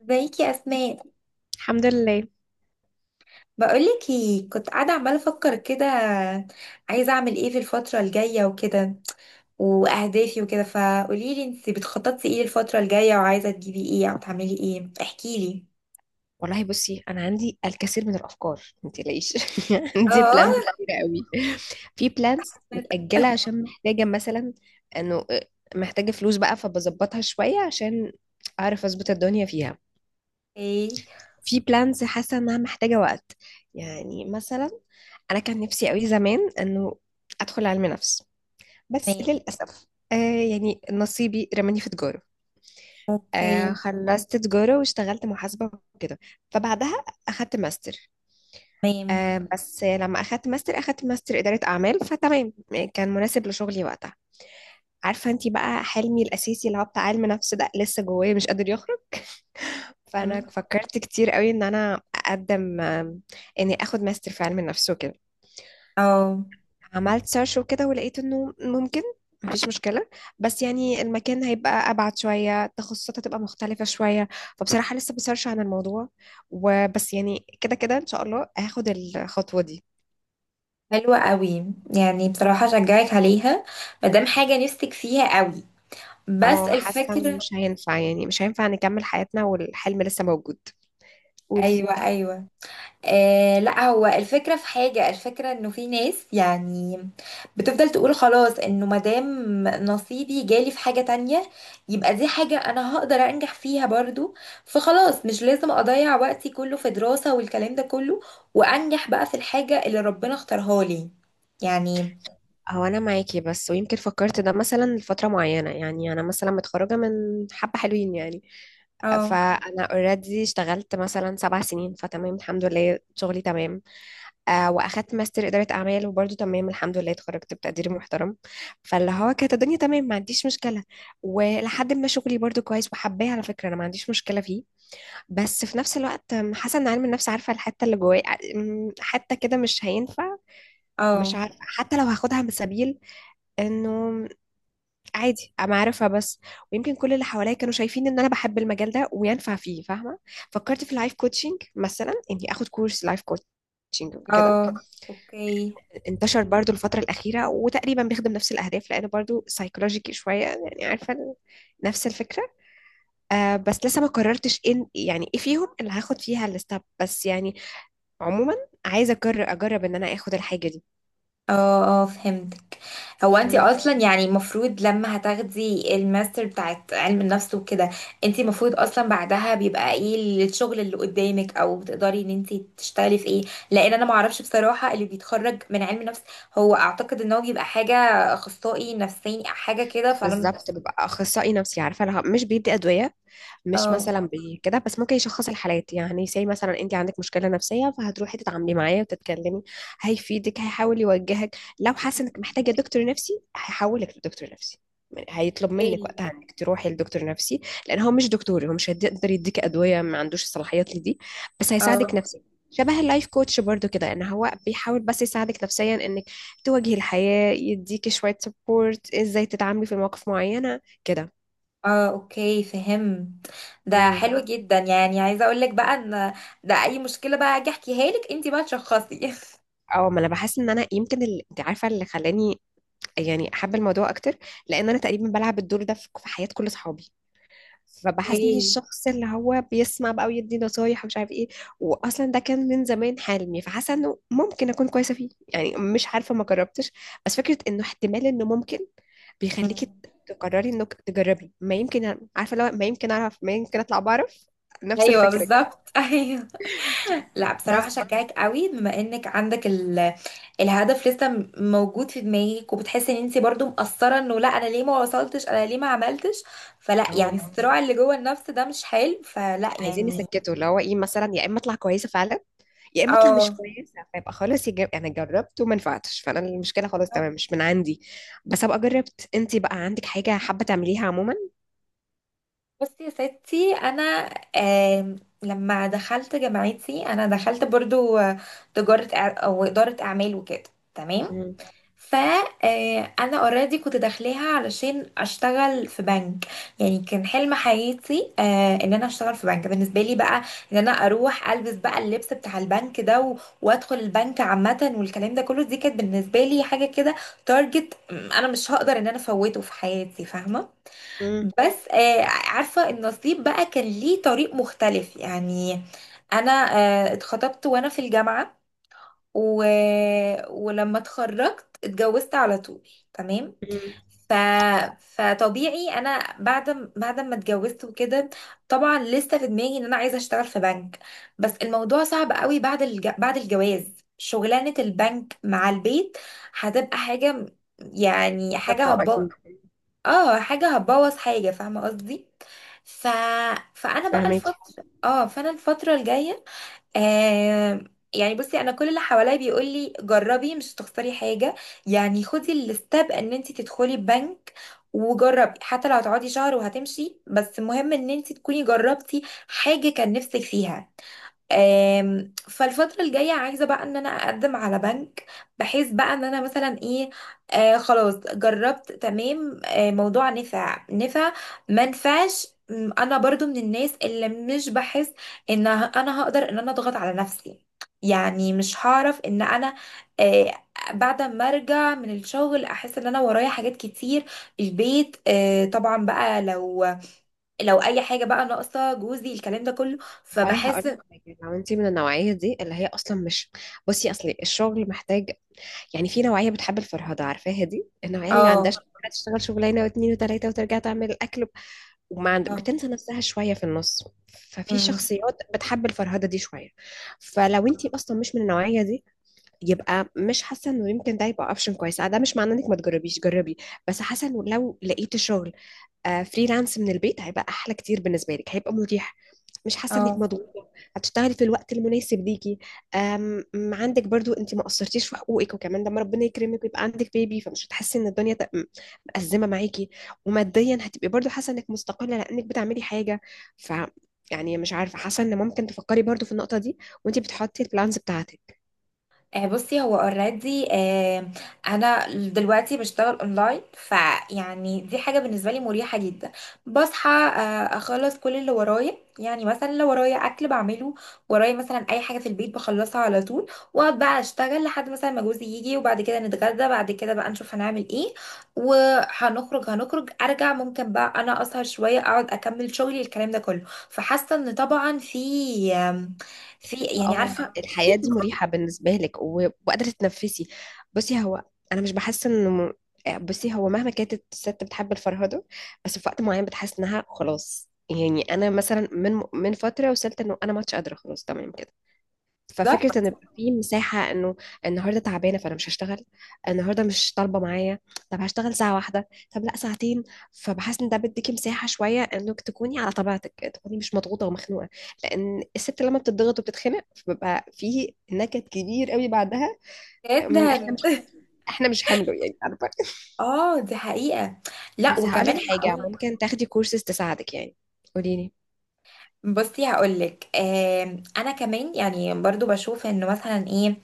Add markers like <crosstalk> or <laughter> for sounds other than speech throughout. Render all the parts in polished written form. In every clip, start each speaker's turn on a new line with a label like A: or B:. A: ازيك يا اسماء؟
B: الحمد لله.
A: بقولك ايه، كنت قاعده عماله افكر كده، عايزه اعمل ايه في الفتره الجايه وكده، واهدافي وكده. فقولي لي انت بتخططي ايه للفتره الجايه، وعايزه تجيبي ايه او تعملي ايه، احكي لي.
B: والله بصي، انا عندي الكثير من الافكار، ما تقلقيش. <laughs> عندي بلانز
A: اه.
B: كتيره قوي. في بلانز متاجله عشان محتاجه مثلا انه محتاجه فلوس بقى، فبظبطها شويه عشان اعرف اظبط الدنيا فيها.
A: اوكي.
B: في بلانز حاسه انها محتاجه وقت. يعني مثلا انا كان نفسي قوي زمان انه ادخل علم نفس، بس
A: تمام.
B: للاسف. آه يعني نصيبي رماني في تجاره.
A: اوكي.
B: خلصت تجارة، واشتغلت محاسبة وكده، فبعدها أخدت ماستر.
A: تمام.
B: بس لما أخدت ماستر، أخدت ماستر إدارة أعمال، فتمام كان مناسب لشغلي وقتها. عارفة انتي بقى، حلمي الأساسي اللي هو بتاع علم نفس ده لسه جوايا، مش قادر يخرج. فأنا
A: تمام.
B: فكرت كتير قوي إن أنا أقدم، إني أخد ماستر في علم النفس وكده.
A: اه،
B: عملت سيرش وكده، ولقيت انه ممكن، مفيش مشكلة. بس يعني المكان هيبقى أبعد شوية، التخصصات هتبقى مختلفة شوية. فبصراحة لسه بسيرش عن الموضوع، وبس يعني كده كده إن شاء الله هاخد الخطوة دي.
A: حلوه قوي. يعني بصراحه اشجعك عليها، مادام حاجه نفسك فيها قوي. بس
B: اه، حاسة إنه
A: الفكره...
B: مش هينفع، يعني مش هينفع نكمل حياتنا والحلم لسه موجود. قولي.
A: ايوه، ايوه. لا، هو الفكرة في حاجة، الفكرة انه في ناس يعني بتفضل تقول خلاص انه مادام نصيبي جالي في حاجة تانية، يبقى دي حاجة انا هقدر انجح فيها برضو. فخلاص مش لازم اضيع وقتي كله في دراسة والكلام ده كله، وانجح بقى في الحاجة اللي ربنا اختارها لي يعني.
B: هو أنا معاكي، بس ويمكن فكرت ده مثلا لفترة معينة. يعني أنا مثلا متخرجة من حبة حلوين يعني.
A: اه.
B: فأنا اوريدي اشتغلت مثلا 7 سنين، فتمام الحمد لله شغلي تمام. واخدت ماستر اداره اعمال، وبرده تمام الحمد لله، اتخرجت بتقدير محترم. فاللي هو كانت الدنيا تمام، ما عنديش مشكله. ولحد ما شغلي برده كويس وحباه، على فكره انا ما عنديش مشكله فيه. بس في نفس الوقت حاسه ان علم النفس، عارفه الحته اللي جوايا. حته كده مش هينفع. مش
A: اه.
B: عارفه حتى لو هاخدها من سبيل، انه عادي انا عارفها بس. ويمكن كل اللي حواليا كانوا شايفين ان انا بحب المجال ده وينفع فيه، فاهمه. فكرت في اللايف كوتشنج، مثلا اني اخد كورس لايف كوتشنج كده.
A: اه. اوكي.
B: انتشر برضو الفترة الأخيرة، وتقريبا بيخدم نفس الأهداف لأنه برضو سايكولوجيكي شوية، يعني عارفة نفس الفكرة. بس لسه ما قررتش إن يعني إيه فيهم اللي هاخد فيها الستاب، بس يعني عموما. عايزة أجرب أجرب إن أنا آخد الحاجة دي.
A: اه، اه، فهمت. هو انت
B: مم.
A: اصلا يعني المفروض لما هتاخدي الماستر بتاعت علم النفس وكده، انت المفروض اصلا بعدها بيبقى ايه الشغل اللي قدامك، او بتقدري ان انت تشتغلي في ايه. لان انا ما اعرفش بصراحة اللي بيتخرج من علم النفس، هو اعتقد ان هو بيبقى حاجة، اخصائي نفساني أو حاجة كده. فانا...
B: بالظبط ببقى أخصائي نفسي، عارفة لها مش بيدي أدوية. مش
A: اه.
B: مثلا بكده، بس ممكن يشخص الحالات، يعني زي مثلا انت عندك مشكله نفسيه فهتروحي تتعاملي معاه وتتكلمي. هيفيدك، هيحاول يوجهك، لو حاسه انك محتاجه دكتور نفسي هيحولك لدكتور نفسي. يعني هيطلب منك
A: اوكي.
B: وقتها انك تروحي لدكتور نفسي. لان هو مش دكتور، هو مش هيقدر يديك ادويه، ما عندوش الصلاحيات لدي. بس هيساعدك
A: اه.
B: نفسيا. شبه اللايف كوتش برضو كده، ان هو بيحاول بس يساعدك نفسيا، انك تواجهي الحياه، يديكي شويه سبورت ازاي تتعاملي في مواقف معينه
A: اه، اوكي، فهمت. ده
B: كده.
A: حلو جدا. يعني عايزة اقول لك بقى ان ده اي مشكلة بقى اجي احكيها لك، انت بقى تشخصي.
B: اه، ما انا بحس ان انا يمكن انت عارفه اللي خلاني يعني احب الموضوع اكتر. لان انا تقريبا بلعب الدور ده في حياه كل اصحابي. فبحس اني
A: <laughs>
B: الشخص اللي هو بيسمع بقى، ويدي نصايح، ومش عارف ايه. واصلا ده كان من زمان حلمي، فحاسه انه ممكن اكون كويسه فيه، يعني مش عارفه ما جربتش. بس فكره انه احتمال انه ممكن
A: اوكي.
B: بيخليكي تقرري انك تجربي، ما يمكن عارفه، لو ما يمكن اعرف ما يمكن اطلع بعرف. نفس
A: ايوه
B: الفكره كده.
A: بالظبط. <laughs> ايوه. لا بصراحه
B: بس
A: شجعك قوي، بما انك عندك ال... الهدف لسه موجود في دماغك، وبتحسي ان انت برضو مقصره، انه لا انا ليه ما وصلتش، انا ليه ما عملتش. فلا يعني
B: أو
A: الصراع اللي جوه النفس ده مش حلو، فلا
B: عايزين
A: يعني.
B: يسكتوا اللي هو ايه، مثلا يا اما اطلع كويسه فعلا، يا اما اطلع مش
A: اه.
B: كويسه فيبقى خلاص، انا جربت وما نفعتش، فانا المشكله خلاص تمام مش من عندي. بس ابقى جربت، انت بقى عندك حاجه حابه تعمليها عموما.
A: بصي يا ستي، انا آم، لما دخلت جامعتي انا دخلت برضو تجاره او اداره اعمال وكده. تمام.
B: امم،
A: فانا اوريدي كنت داخلاها علشان اشتغل في بنك. يعني كان حلم حياتي ان انا اشتغل في بنك. بالنسبه لي بقى، ان انا اروح البس بقى اللبس بتاع البنك ده وادخل البنك عامه والكلام ده كله. دي كانت بالنسبه لي حاجه كده تارجت انا مش هقدر ان انا افوته في حياتي، فاهمه.
B: امم،
A: بس عارفه النصيب بقى كان ليه طريق مختلف يعني. انا اتخطبت وانا في الجامعه و... ولما اتخرجت اتجوزت على طول. تمام.
B: امم.
A: ف... فطبيعي انا بعد ما اتجوزت وكده، طبعا لسه في دماغي ان انا عايزه اشتغل في بنك. بس الموضوع صعب قوي بعد الجواز. شغلانه البنك مع البيت هتبقى يعني حاجه
B: منطقه
A: هتبوظ.
B: اكيد.
A: اه، حاجه هتبوظ حاجه، فاهمه قصدي. ف... فانا بقى
B: فاهمك.
A: الفتره اه فانا الفتره الجايه آه يعني بصي، انا كل اللي حواليا بيقول لي جربي، مش هتخسري حاجه. يعني خدي الستاب ان انت تدخلي البنك وجربي، حتى لو هتقعدي شهر وهتمشي، بس مهم ان انت تكوني جربتي حاجه كان نفسك فيها. فالفترة الجاية عايزة بقى ان انا اقدم على بنك، بحيث بقى ان انا مثلا ايه، خلاص جربت تمام، موضوع نفع نفع ما نفعش. انا برضو من الناس اللي مش بحس ان انا هقدر ان انا اضغط على نفسي. يعني مش هعرف ان انا آه بعد ما ارجع من الشغل احس ان انا ورايا حاجات كتير. البيت طبعا بقى، لو اي حاجة بقى ناقصة جوزي، الكلام ده كله،
B: والله هقول
A: فبحس.
B: لك حاجه، لو انت من النوعيه دي اللي هي اصلا مش، بصي اصلي الشغل محتاج. يعني في نوعيه بتحب الفرهده، عارفاها دي النوعيه اللي عندها
A: اه.
B: شغل، تشتغل شغلانه واثنين وثلاثه، وترجع تعمل الاكل.
A: اه.
B: بتنسى نفسها شوية في النص. ففي
A: امم.
B: شخصيات بتحب الفرهدة دي شوية. فلو انتي اصلا مش من النوعية دي، يبقى مش حاسة انه يمكن ده يبقى اوبشن كويس، ده مش معناه انك ما تجربيش، جربي. بس حاسة انه لو لقيتي شغل فريلانس من البيت، هيبقى احلى كتير بالنسبه لك، هيبقى مريح. مش حاسه انك
A: اه.
B: مضغوطه. هتشتغلي في الوقت المناسب ليكي. أم أم عندك برضو انت ما قصرتيش في حقوقك، وكمان لما ربنا يكرمك ويبقى عندك بيبي، فمش هتحسي ان الدنيا مأزمه معاكي. وماديا هتبقي برضو حاسه انك مستقله، لانك بتعملي حاجه. ف يعني مش عارفه، حاسه ان ممكن تفكري برضو في النقطه دي وانت بتحطي البلانز بتاعتك.
A: بصي هو اوريدي انا دلوقتي بشتغل اونلاين، فيعني دي حاجه بالنسبه لي مريحه جدا. بصحى اخلص كل اللي ورايا، يعني مثلا لو ورايا اكل بعمله، ورايا مثلا اي حاجه في البيت بخلصها على طول. واقعد بقى اشتغل لحد مثلا ما جوزي يجي، وبعد كده نتغدى، بعد كده بقى نشوف هنعمل ايه وهنخرج. ارجع، ممكن بقى انا اسهر شويه اقعد اكمل شغلي، الكلام ده كله. فحاسه ان طبعا في، آم، في يعني
B: اه،
A: عارفه في.
B: الحياة دي مريحة بالنسبة لك وقادرة تتنفسي. بصي هو أنا مش بحس إنه بصي هو مهما كانت الست بتحب الفرهدة. بس في وقت معين بتحس إنها خلاص، يعني أنا مثلا من فترة وصلت إنه أنا ما عادش قادرة، خلاص تمام كده. ففكرة ان يبقى في مساحة انه النهاردة تعبانة فانا مش هشتغل، النهاردة مش طالبة معايا، طب هشتغل ساعة واحدة، طب لا ساعتين. فبحس ان ده بيديكي مساحة شوية انك تكوني على طبيعتك، تكوني مش مضغوطة ومخنوقة. لان الست لما بتضغط وبتتخنق، فبيبقى في نكد كبير قوي بعدها. احنا
A: جدا.
B: مش
A: <laughs>
B: حمله، يعني عارفة <laughs>
A: اه، دي حقيقة. لا،
B: بس هقولك
A: وكمان
B: حاجة،
A: هقول.
B: ممكن تاخدي كورسز تساعدك يعني. قوليلي.
A: بصي هقولك، انا كمان يعني برضو بشوف انه مثلا ايه،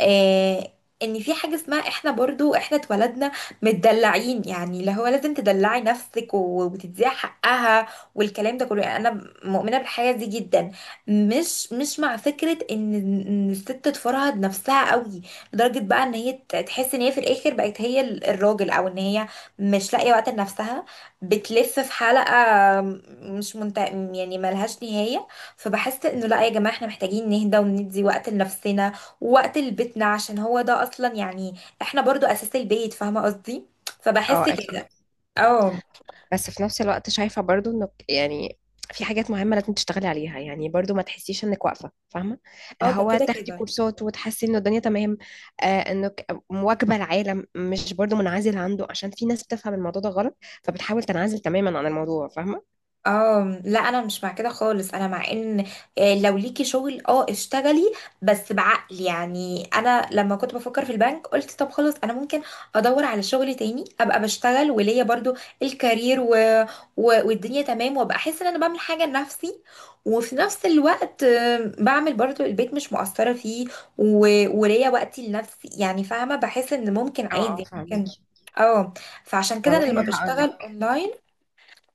A: آه ان في حاجة اسمها، احنا برضو احنا اتولدنا متدلعين، يعني اللي هو لازم تدلعي نفسك وتديها حقها، والكلام ده كله. يعني انا مؤمنة بالحاجة دي جدا. مش مع فكرة إن الست تفرهد نفسها قوي، لدرجة بقى ان هي تحس ان هي في الاخر بقت هي الراجل، او ان هي مش لاقية وقت لنفسها، بتلف في حلقة مش منت... يعني ملهاش نهاية. فبحس انه لا يا جماعة، احنا محتاجين نهدى وندي وقت لنفسنا ووقت لبيتنا، عشان هو ده اصلا يعني، احنا برضو اساس البيت، فاهمة قصدي.
B: اه
A: فبحس
B: اكيد،
A: كده. اه.
B: بس في نفس الوقت شايفة برضو انك يعني في حاجات مهمة لازم تشتغلي عليها، يعني برضو ما تحسيش انك واقفة، فاهمة.
A: اه،
B: اللي
A: ده
B: هو
A: كده
B: تاخدي
A: كده.
B: كورسات وتحسي ان الدنيا تمام، انك مواكبة العالم مش برضو منعزل عنده، عشان في ناس بتفهم الموضوع ده غلط. فبتحاول تنعزل تماما عن الموضوع، فاهمة.
A: اه لا، انا مش مع كده خالص. انا مع ان لو ليكي شغل اه اشتغلي، بس بعقل. يعني انا لما كنت بفكر في البنك قلت طب خلاص، انا ممكن ادور على شغل تاني، ابقى بشتغل وليا برضو الكارير، والدنيا تمام، وابقى احس ان انا بعمل حاجة لنفسي، وفي نفس الوقت بعمل برضو البيت مش مقصرة فيه، و... وليا وقتي لنفسي يعني، فاهمة، بحس ان ممكن
B: اه، اه،
A: عادي
B: فاهمك.
A: ممكن. اه. فعشان كده انا
B: والله
A: لما
B: هقول
A: بشتغل اونلاين.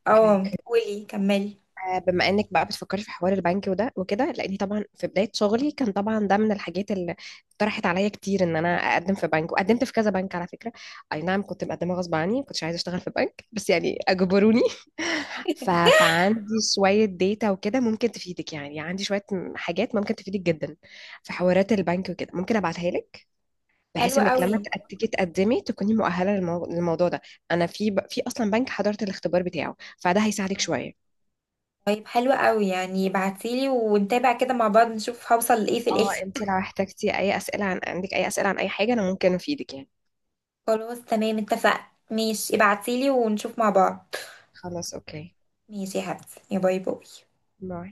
A: اه
B: لك،
A: قولي، كملي.
B: بما انك بقى بتفكري في حوار البنك وده وكده، لاني طبعا في بدايه شغلي كان طبعا ده من الحاجات اللي طرحت عليا كتير، ان انا اقدم في بنك، وقدمت في كذا بنك على فكره. اي نعم، كنت مقدمه غصب عني، كنتش عايزه اشتغل في بنك، بس يعني اجبروني <laughs> فعندي شويه ديتا وكده ممكن تفيدك، يعني عندي شويه حاجات ممكن تفيدك جدا في حوارات البنك وكده، ممكن ابعتها لك. بحيث
A: حلو
B: انك
A: قوي.
B: لما تيجي تقدمي، تكوني مؤهله للموضوع ده. انا في اصلا بنك حضرت الاختبار بتاعه، فده هيساعدك شويه.
A: طيب حلو قوي، يعني ابعتيلي ونتابع كده مع بعض نشوف هوصل لايه في
B: اه،
A: الاخر.
B: انتي لو احتجتي اي اسئلة عن عندك اي اسئلة عن اي حاجة، انا ممكن افيدك يعني.
A: خلاص تمام، اتفقنا، ماشي، ابعتيلي ونشوف مع بعض.
B: خلاص اوكي،
A: ماشي يا حبيبتي، يا باي باي.
B: باي.